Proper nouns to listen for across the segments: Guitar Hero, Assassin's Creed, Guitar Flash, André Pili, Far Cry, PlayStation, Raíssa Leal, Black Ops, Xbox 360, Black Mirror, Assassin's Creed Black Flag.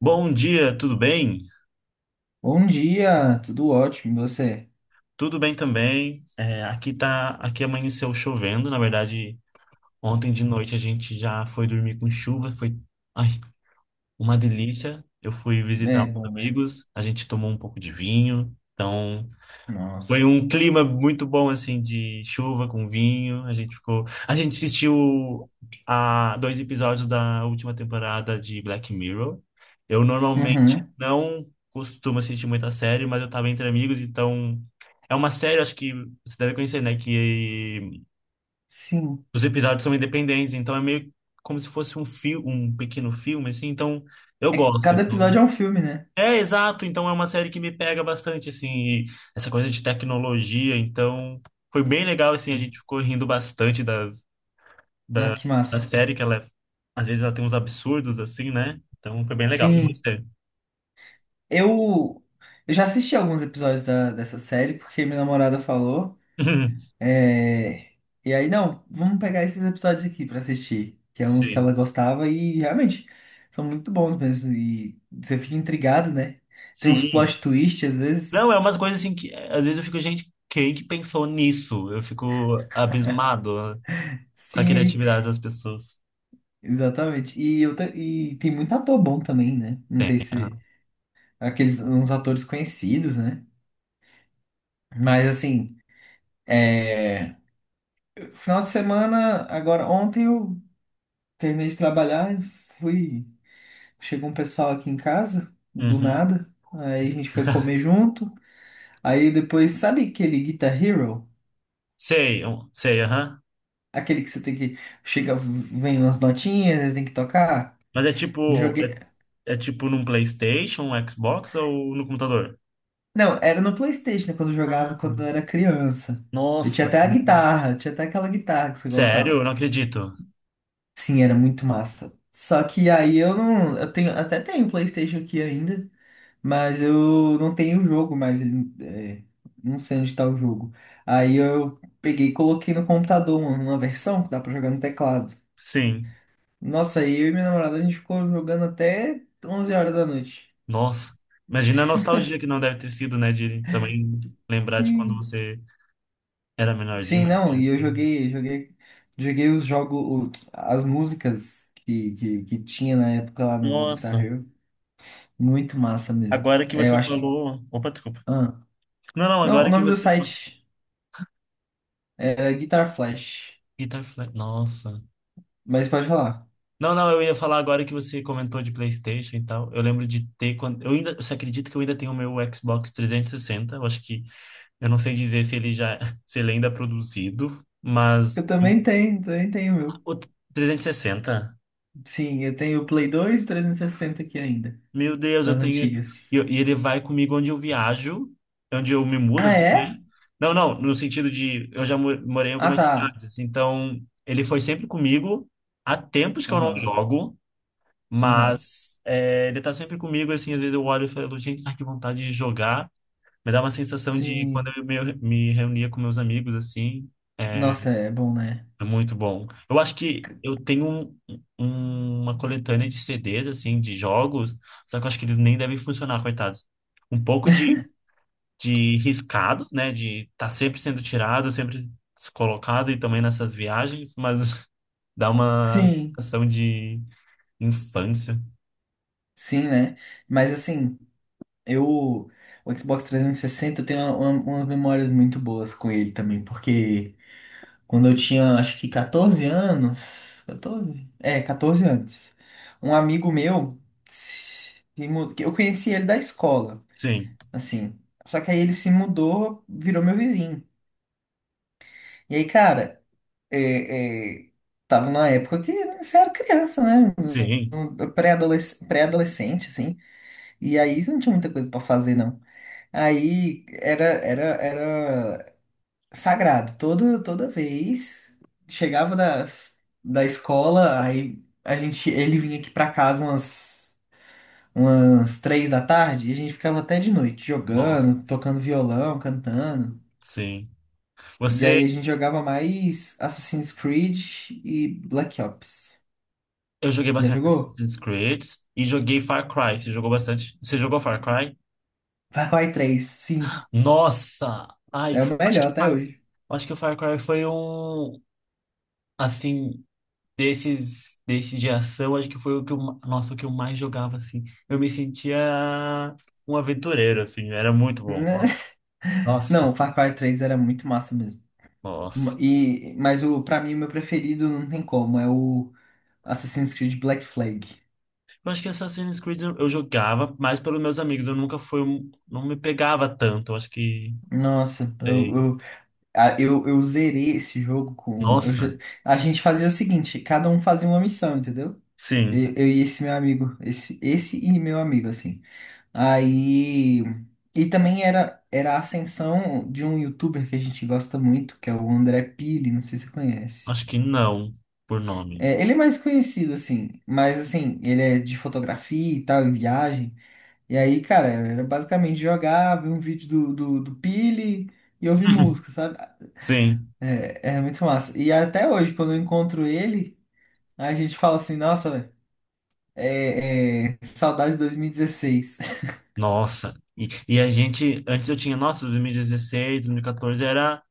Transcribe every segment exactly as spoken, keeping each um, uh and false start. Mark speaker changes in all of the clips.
Speaker 1: Bom dia, tudo bem?
Speaker 2: Bom dia, tudo ótimo, e você?
Speaker 1: Tudo bem também. É, aqui tá, aqui amanheceu chovendo. Na verdade, ontem de noite a gente já foi dormir com chuva. Foi, ai, uma delícia. Eu fui visitar
Speaker 2: É bom,
Speaker 1: os
Speaker 2: né?
Speaker 1: amigos. A gente tomou um pouco de vinho. Então, Foi
Speaker 2: Nossa.
Speaker 1: um clima muito bom, assim, de chuva com vinho. A gente ficou. A gente assistiu a dois episódios da última temporada de Black Mirror. Eu normalmente
Speaker 2: Uhum,
Speaker 1: não costumo assistir muita série, mas eu tava entre amigos, então. É uma série, acho que você deve conhecer, né? Que
Speaker 2: sim.
Speaker 1: os episódios são independentes, então é meio como se fosse um fio, um pequeno filme, assim. Então, eu
Speaker 2: É, que
Speaker 1: gosto.
Speaker 2: cada
Speaker 1: Então,
Speaker 2: episódio é um filme, né?
Speaker 1: é, exato. Então é uma série que me pega bastante, assim, e essa coisa de tecnologia. Então foi bem legal, assim, a gente
Speaker 2: Sim.
Speaker 1: ficou rindo bastante da,
Speaker 2: Ah,
Speaker 1: da,
Speaker 2: que massa.
Speaker 1: da série, que ela, é- às vezes, ela tem uns absurdos, assim, né? Então foi bem legal. E
Speaker 2: Sim,
Speaker 1: você?
Speaker 2: eu, eu já assisti alguns episódios da, dessa série, porque minha namorada falou. é, E aí, não, vamos pegar esses episódios aqui pra assistir, que é uns que
Speaker 1: Sim.
Speaker 2: ela gostava e realmente são muito bons mesmo. E você fica intrigado, né? Tem uns
Speaker 1: Sim.
Speaker 2: plot twist às vezes.
Speaker 1: Não, é umas coisas assim que é, às vezes eu fico, gente, quem que pensou nisso? Eu fico abismado, né, com a
Speaker 2: Sim,
Speaker 1: criatividade das pessoas.
Speaker 2: exatamente. E, eu, ta- e tem muito ator bom também, né? Não sei se
Speaker 1: Aham.
Speaker 2: aqueles uns atores conhecidos, né? Mas assim, é, final de semana, agora ontem eu terminei de trabalhar e fui. Chegou um pessoal aqui em casa, do
Speaker 1: Uhum.
Speaker 2: nada. Aí a gente foi comer junto. Aí depois, sabe aquele Guitar Hero?
Speaker 1: Sei, eu- sei, aham.
Speaker 2: Aquele que você tem que. Chega, vem umas notinhas, tem que tocar.
Speaker 1: Mas é tipo,
Speaker 2: Joguei,
Speaker 1: é, é tipo num PlayStation, um Xbox ou no computador?
Speaker 2: não, era no PlayStation, né, quando eu jogava quando
Speaker 1: Uhum.
Speaker 2: eu era criança. Eu tinha
Speaker 1: Nossa,
Speaker 2: até a
Speaker 1: que-
Speaker 2: guitarra, tinha até aquela guitarra que você
Speaker 1: sério?
Speaker 2: colocava.
Speaker 1: Eu não acredito.
Speaker 2: Sim, era muito massa. Só que aí eu não. Eu tenho, até tenho PlayStation aqui ainda, mas eu não tenho o jogo mais. Ele- é, não sei onde tá o jogo. Aí eu peguei e coloquei no computador uma, uma versão que dá pra jogar no teclado.
Speaker 1: Sim,
Speaker 2: Nossa, aí eu e minha namorada a gente ficou jogando até onze horas da noite.
Speaker 1: nossa. Imagina a nostalgia que não deve ter sido, né? De também lembrar de quando
Speaker 2: Sim.
Speaker 1: você era menorzinho,
Speaker 2: Sim,
Speaker 1: mais
Speaker 2: não, e eu
Speaker 1: criancinha.
Speaker 2: joguei, joguei, joguei os jogos, as músicas que, que, que tinha na época lá no, no Guitar
Speaker 1: Nossa,
Speaker 2: Hero. Muito massa mesmo.
Speaker 1: agora que
Speaker 2: É, eu
Speaker 1: você
Speaker 2: acho que.
Speaker 1: falou. Opa, desculpa.
Speaker 2: Ah,
Speaker 1: Não, não,
Speaker 2: não, o
Speaker 1: agora que
Speaker 2: nome do
Speaker 1: você.
Speaker 2: site era Guitar Flash.
Speaker 1: Guitar Flash. Nossa.
Speaker 2: Mas pode falar.
Speaker 1: Não, não, eu ia falar agora que você comentou de PlayStation e tal. Eu lembro de ter quando. Eu ainda... Você acredita que eu ainda tenho o meu Xbox trezentos e sessenta? Eu acho que Eu não sei dizer se ele já, se ele ainda é produzido, mas
Speaker 2: Eu também tenho, também tenho o meu.
Speaker 1: o trezentos e sessenta,
Speaker 2: Sim, eu tenho o Play dois e trezentos e sessenta aqui ainda,
Speaker 1: meu Deus, eu
Speaker 2: das
Speaker 1: tenho. E
Speaker 2: antigas.
Speaker 1: eu- e ele vai comigo onde eu viajo, onde eu me mudo,
Speaker 2: Ah,
Speaker 1: assim, né?
Speaker 2: é?
Speaker 1: Não, não, no sentido de eu já mo- morei em
Speaker 2: Ah,
Speaker 1: algumas
Speaker 2: tá.
Speaker 1: cidades, então ele foi sempre comigo. Há tempos que eu não
Speaker 2: Aham,
Speaker 1: jogo,
Speaker 2: aham.
Speaker 1: mas é, ele tá sempre comigo, assim, às vezes eu olho e falo, gente, ai, que vontade de jogar. Me dá uma sensação de quando
Speaker 2: Sim.
Speaker 1: eu me, me reunia com meus amigos, assim, eh,
Speaker 2: Nossa, é bom, né?
Speaker 1: é muito bom. Eu acho que eu tenho um- um- uma coletânea de C Ds, assim, de jogos, só que eu acho que eles nem devem funcionar, coitados. Um pouco de, de riscado, né? De estar tá sempre sendo tirado, sempre colocado, e também nessas viagens, mas dá uma
Speaker 2: Sim,
Speaker 1: sensação de infância.
Speaker 2: sim, né? Mas assim. Eu, o Xbox trezentos e sessenta, eu tenho uma- uma- umas memórias muito boas com ele também, porque quando eu tinha, acho que quatorze anos, quatorze? É, quatorze anos, um amigo meu, se mu- que eu conheci ele da escola,
Speaker 1: Sim,
Speaker 2: assim, só que aí ele se mudou, virou meu vizinho. E aí, cara, é, é, tava numa época que você era criança, né? Um-
Speaker 1: sim.
Speaker 2: um Pré-adolesc- pré-adolescente, assim, e aí você não tinha muita coisa pra fazer, não. Aí era, era, era sagrado. Todo, toda vez chegava da, da escola, aí a gente, ele vinha aqui pra casa umas, umas três da tarde e a gente ficava até de noite jogando,
Speaker 1: Nossa,
Speaker 2: tocando violão, cantando.
Speaker 1: sim.
Speaker 2: E
Speaker 1: Você,
Speaker 2: aí a gente jogava mais Assassin's Creed e Black Ops.
Speaker 1: eu joguei
Speaker 2: Já
Speaker 1: bastante
Speaker 2: jogou?
Speaker 1: Assassin's Creed e joguei Far Cry. Você jogou bastante? Você jogou Far Cry?
Speaker 2: Far Cry três? Sim.
Speaker 1: Nossa! Ai,
Speaker 2: É o
Speaker 1: acho
Speaker 2: melhor
Speaker 1: que,
Speaker 2: até
Speaker 1: Far-
Speaker 2: hoje.
Speaker 1: acho que o Far Cry foi um, assim, desses, desses de ação, acho que foi o que eu, ma- nossa, o que eu mais jogava, assim. Eu me sentia um aventureiro, assim, era muito bom. Nossa,
Speaker 2: Não, Far Cry três era muito massa mesmo.
Speaker 1: nossa.
Speaker 2: E, mas o, pra mim, o meu preferido não tem como, é o Assassin's Creed Black Flag.
Speaker 1: Eu acho que Assassin's Creed eu eu jogava mais pelos meus amigos, eu nunca fui, um- não me pegava tanto, eu acho que,
Speaker 2: Nossa,
Speaker 1: sei.
Speaker 2: eu, eu, a- eu, eu zerei esse jogo com. Eu já-
Speaker 1: Nossa,
Speaker 2: a gente fazia o seguinte, cada um fazia uma missão, entendeu?
Speaker 1: sim,
Speaker 2: Eu, eu e esse meu amigo, esse, esse e meu amigo, assim. Aí. E também era, era a ascensão de um youtuber que a gente gosta muito, que é o André Pili, não sei se você conhece.
Speaker 1: acho que não, por nome.
Speaker 2: É, ele é mais conhecido, assim, mas assim, ele é de fotografia e tal, e viagem. E aí, cara, era basicamente jogar, ver um vídeo do, do, do Pili e ouvir música, sabe?
Speaker 1: Sim.
Speaker 2: É, é muito massa. E até hoje, quando eu encontro ele, a gente fala assim, nossa, é, é, saudades de dois mil e dezesseis.
Speaker 1: Nossa, e, e a gente, antes eu tinha, nossa, dois mil e dezesseis, dois mil e quatorze era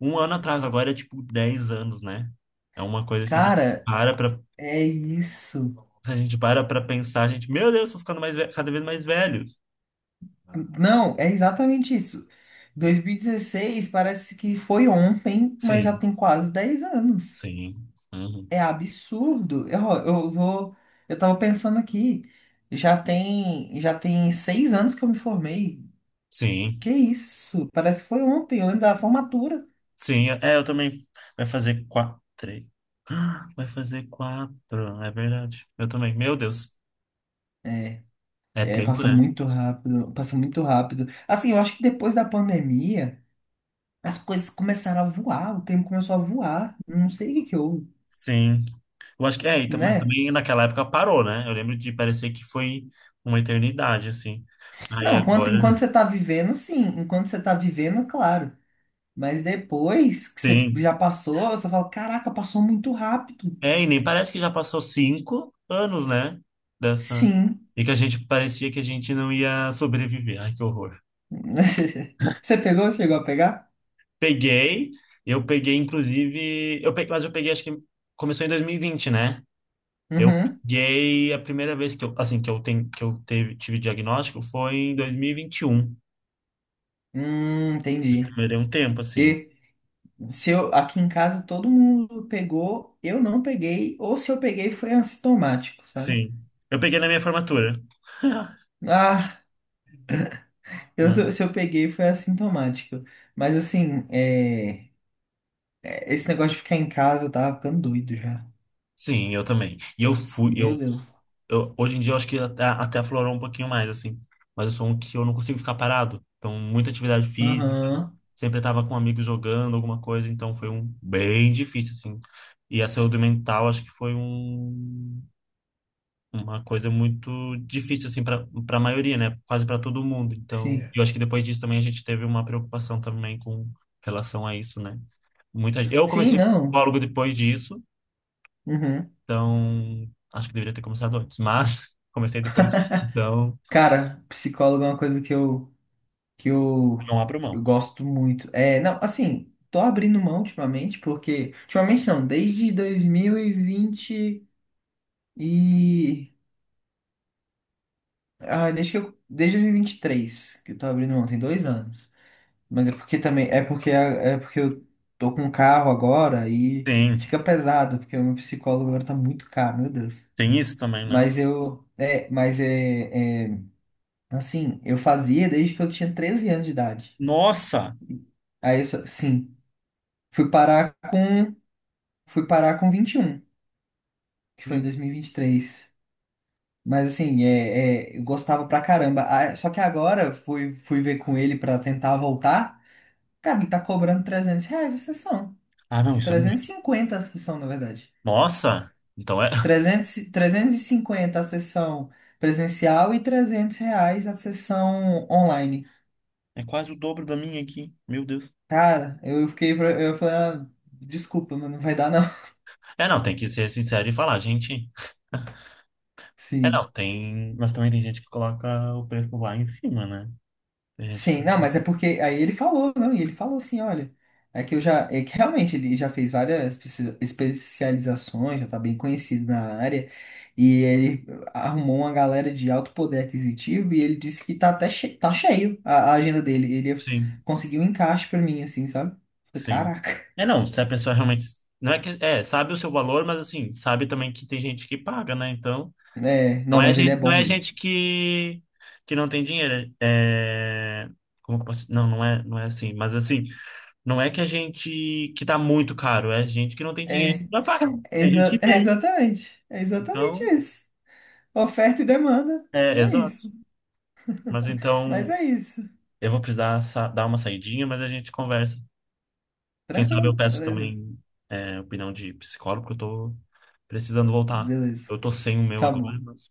Speaker 1: um ano atrás, agora é tipo dez anos, né? É uma coisa assim que a gente
Speaker 2: Cara,
Speaker 1: para pra,
Speaker 2: é isso.
Speaker 1: se a gente para pra pensar, a gente, meu Deus, tô ficando mais ve- cada vez mais velho.
Speaker 2: Não, é exatamente isso. dois mil e dezesseis parece que foi ontem, mas já
Speaker 1: Sim,
Speaker 2: tem quase dez anos.
Speaker 1: sim, uhum,
Speaker 2: É absurdo. Eu, eu vou. Eu tava pensando aqui. Já tem, já tem seis anos que eu me formei.
Speaker 1: sim,
Speaker 2: Que isso? Parece que foi ontem, eu lembro da formatura.
Speaker 1: sim, é, eu também, vai fazer quatro, três, vai fazer quatro, é verdade, eu também, meu Deus,
Speaker 2: É,
Speaker 1: é
Speaker 2: é,
Speaker 1: tempo,
Speaker 2: Passa
Speaker 1: né?
Speaker 2: muito rápido, passa muito rápido. Assim, eu acho que depois da pandemia, as coisas começaram a voar, o tempo começou a voar. Não sei o que que houve,
Speaker 1: Sim. Eu acho que é, e tam- mas
Speaker 2: né?
Speaker 1: também naquela época parou, né? Eu lembro de parecer que foi uma eternidade, assim. Aí
Speaker 2: Não, enquanto,
Speaker 1: agora
Speaker 2: enquanto você tá vivendo, sim. Enquanto você tá vivendo, claro. Mas depois que você
Speaker 1: tem.
Speaker 2: já passou, você fala, caraca, passou muito rápido.
Speaker 1: É, e nem parece que já passou cinco anos, né? Dessa.
Speaker 2: Sim.
Speaker 1: E que a gente parecia que a gente não ia sobreviver. Ai, que horror.
Speaker 2: Você pegou? Chegou a pegar?
Speaker 1: Peguei, eu peguei, inclusive. Eu peguei, mas eu peguei, acho que começou em dois mil e vinte, né? Eu
Speaker 2: Uhum.
Speaker 1: peguei a primeira vez que eu, assim, que eu, ten, que eu teve, tive diagnóstico foi em dois mil e vinte e um.
Speaker 2: Hum, entendi.
Speaker 1: Demorei um tempo, assim.
Speaker 2: E Se eu, aqui em casa todo mundo pegou, eu não peguei, ou se eu peguei foi assintomático, sabe?
Speaker 1: Sim. Eu peguei na minha formatura.
Speaker 2: Ah, eu,
Speaker 1: Né?
Speaker 2: se eu se eu peguei foi assintomático. Mas assim, é, é, esse negócio de ficar em casa eu tava ficando doido já.
Speaker 1: Sim, eu também. E eu fui,
Speaker 2: Meu
Speaker 1: eu,
Speaker 2: Deus.
Speaker 1: eu hoje em dia eu acho que até, até aflorou um pouquinho mais, assim. Mas eu sou um que eu não consigo ficar parado. Então, muita atividade física,
Speaker 2: Aham,
Speaker 1: sempre estava com um amigo jogando alguma coisa, então foi um bem difícil, assim. E a saúde mental acho que foi um, uma coisa muito difícil, assim, para para a maioria, né? Quase para todo mundo. Então,
Speaker 2: sim.
Speaker 1: eu acho que depois disso também a gente teve uma preocupação também com relação a isso, né? Muita, eu
Speaker 2: Sim,
Speaker 1: comecei
Speaker 2: não.
Speaker 1: psicólogo depois disso.
Speaker 2: Uhum.
Speaker 1: Então, acho que deveria ter começado antes, mas comecei depois. Então,
Speaker 2: Cara, psicólogo é uma coisa que eu, que eu,
Speaker 1: não abro
Speaker 2: eu
Speaker 1: mão.
Speaker 2: gosto muito. É, não, assim, tô abrindo mão ultimamente, porque. Ultimamente não, desde dois mil e vinte E Ah, desde que eu, desde dois mil e vinte e três, que eu tô abrindo mão, tem dois anos. Mas é porque também, é porque, é porque eu tô com um carro agora e
Speaker 1: Tem,
Speaker 2: fica pesado, porque o meu psicólogo agora tá muito caro, meu Deus.
Speaker 1: tem isso também, né?
Speaker 2: Mas eu, é, mas é, é, assim, eu fazia desde que eu tinha treze anos de idade.
Speaker 1: Nossa!
Speaker 2: Aí eu, só- sim, fui parar com, fui parar com vinte e um que foi em
Speaker 1: Meu-
Speaker 2: dois mil e vinte e três. Mas assim, é, é, eu gostava pra caramba. Ah, só que agora eu fui, fui ver com ele pra tentar voltar. Cara, ele tá cobrando trezentos reais a sessão.
Speaker 1: Ah, não, isso é
Speaker 2: trezentos e
Speaker 1: muito.
Speaker 2: cinquenta a sessão, na verdade.
Speaker 1: Nossa! Então é,
Speaker 2: trezentos e- trezentos e cinquenta a sessão presencial e trezentos reais a sessão online.
Speaker 1: é quase o dobro da minha aqui. Meu Deus.
Speaker 2: Cara, eu fiquei, pra- eu falei, ah, desculpa, mas não vai dar não.
Speaker 1: É, não, tem que ser sincero e falar, gente. É, não,
Speaker 2: Sim.
Speaker 1: tem. Mas também tem gente que coloca o preço lá em cima, né? Tem gente que.
Speaker 2: Sim, não, mas é porque aí ele falou, não, e ele falou assim, olha, é que eu já, é que realmente ele já fez várias espe- especializações, já tá bem conhecido na área, e ele arrumou uma galera de alto poder aquisitivo e ele disse que tá até che tá cheio a, a agenda dele, ele f-
Speaker 1: Sim,
Speaker 2: conseguiu um encaixe pra mim, assim, sabe? Falei,
Speaker 1: sim.
Speaker 2: caraca.
Speaker 1: É, não, se a pessoa realmente. Não é que. É, sabe o seu valor, mas assim, sabe também que tem gente que paga, né? Então.
Speaker 2: É,
Speaker 1: Não
Speaker 2: não,
Speaker 1: é
Speaker 2: mas ele é
Speaker 1: gente, não
Speaker 2: bom
Speaker 1: é
Speaker 2: mesmo.
Speaker 1: gente que, que não tem dinheiro. É... Como que eu posso... Não, não é, não é assim. Mas assim, não é que a gente que tá muito caro, é gente que não tem dinheiro
Speaker 2: É,
Speaker 1: pra pagar.
Speaker 2: é,
Speaker 1: Tem gente que
Speaker 2: exa- é
Speaker 1: tem.
Speaker 2: exatamente, é exatamente
Speaker 1: Então,
Speaker 2: isso. Oferta e demanda, e
Speaker 1: é,
Speaker 2: é isso.
Speaker 1: exato. Mas
Speaker 2: Mas
Speaker 1: então,
Speaker 2: é isso.
Speaker 1: eu vou precisar sa- dar uma saidinha, mas a gente conversa. Quem sabe eu
Speaker 2: Tranquilo,
Speaker 1: peço
Speaker 2: beleza.
Speaker 1: também é, opinião de psicólogo, porque eu tô precisando voltar.
Speaker 2: Beleza.
Speaker 1: Eu tô sem o meu
Speaker 2: Tá
Speaker 1: agora,
Speaker 2: bom.
Speaker 1: mas...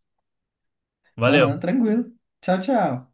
Speaker 1: Valeu!
Speaker 2: Aham, tranquilo. Tchau, tchau.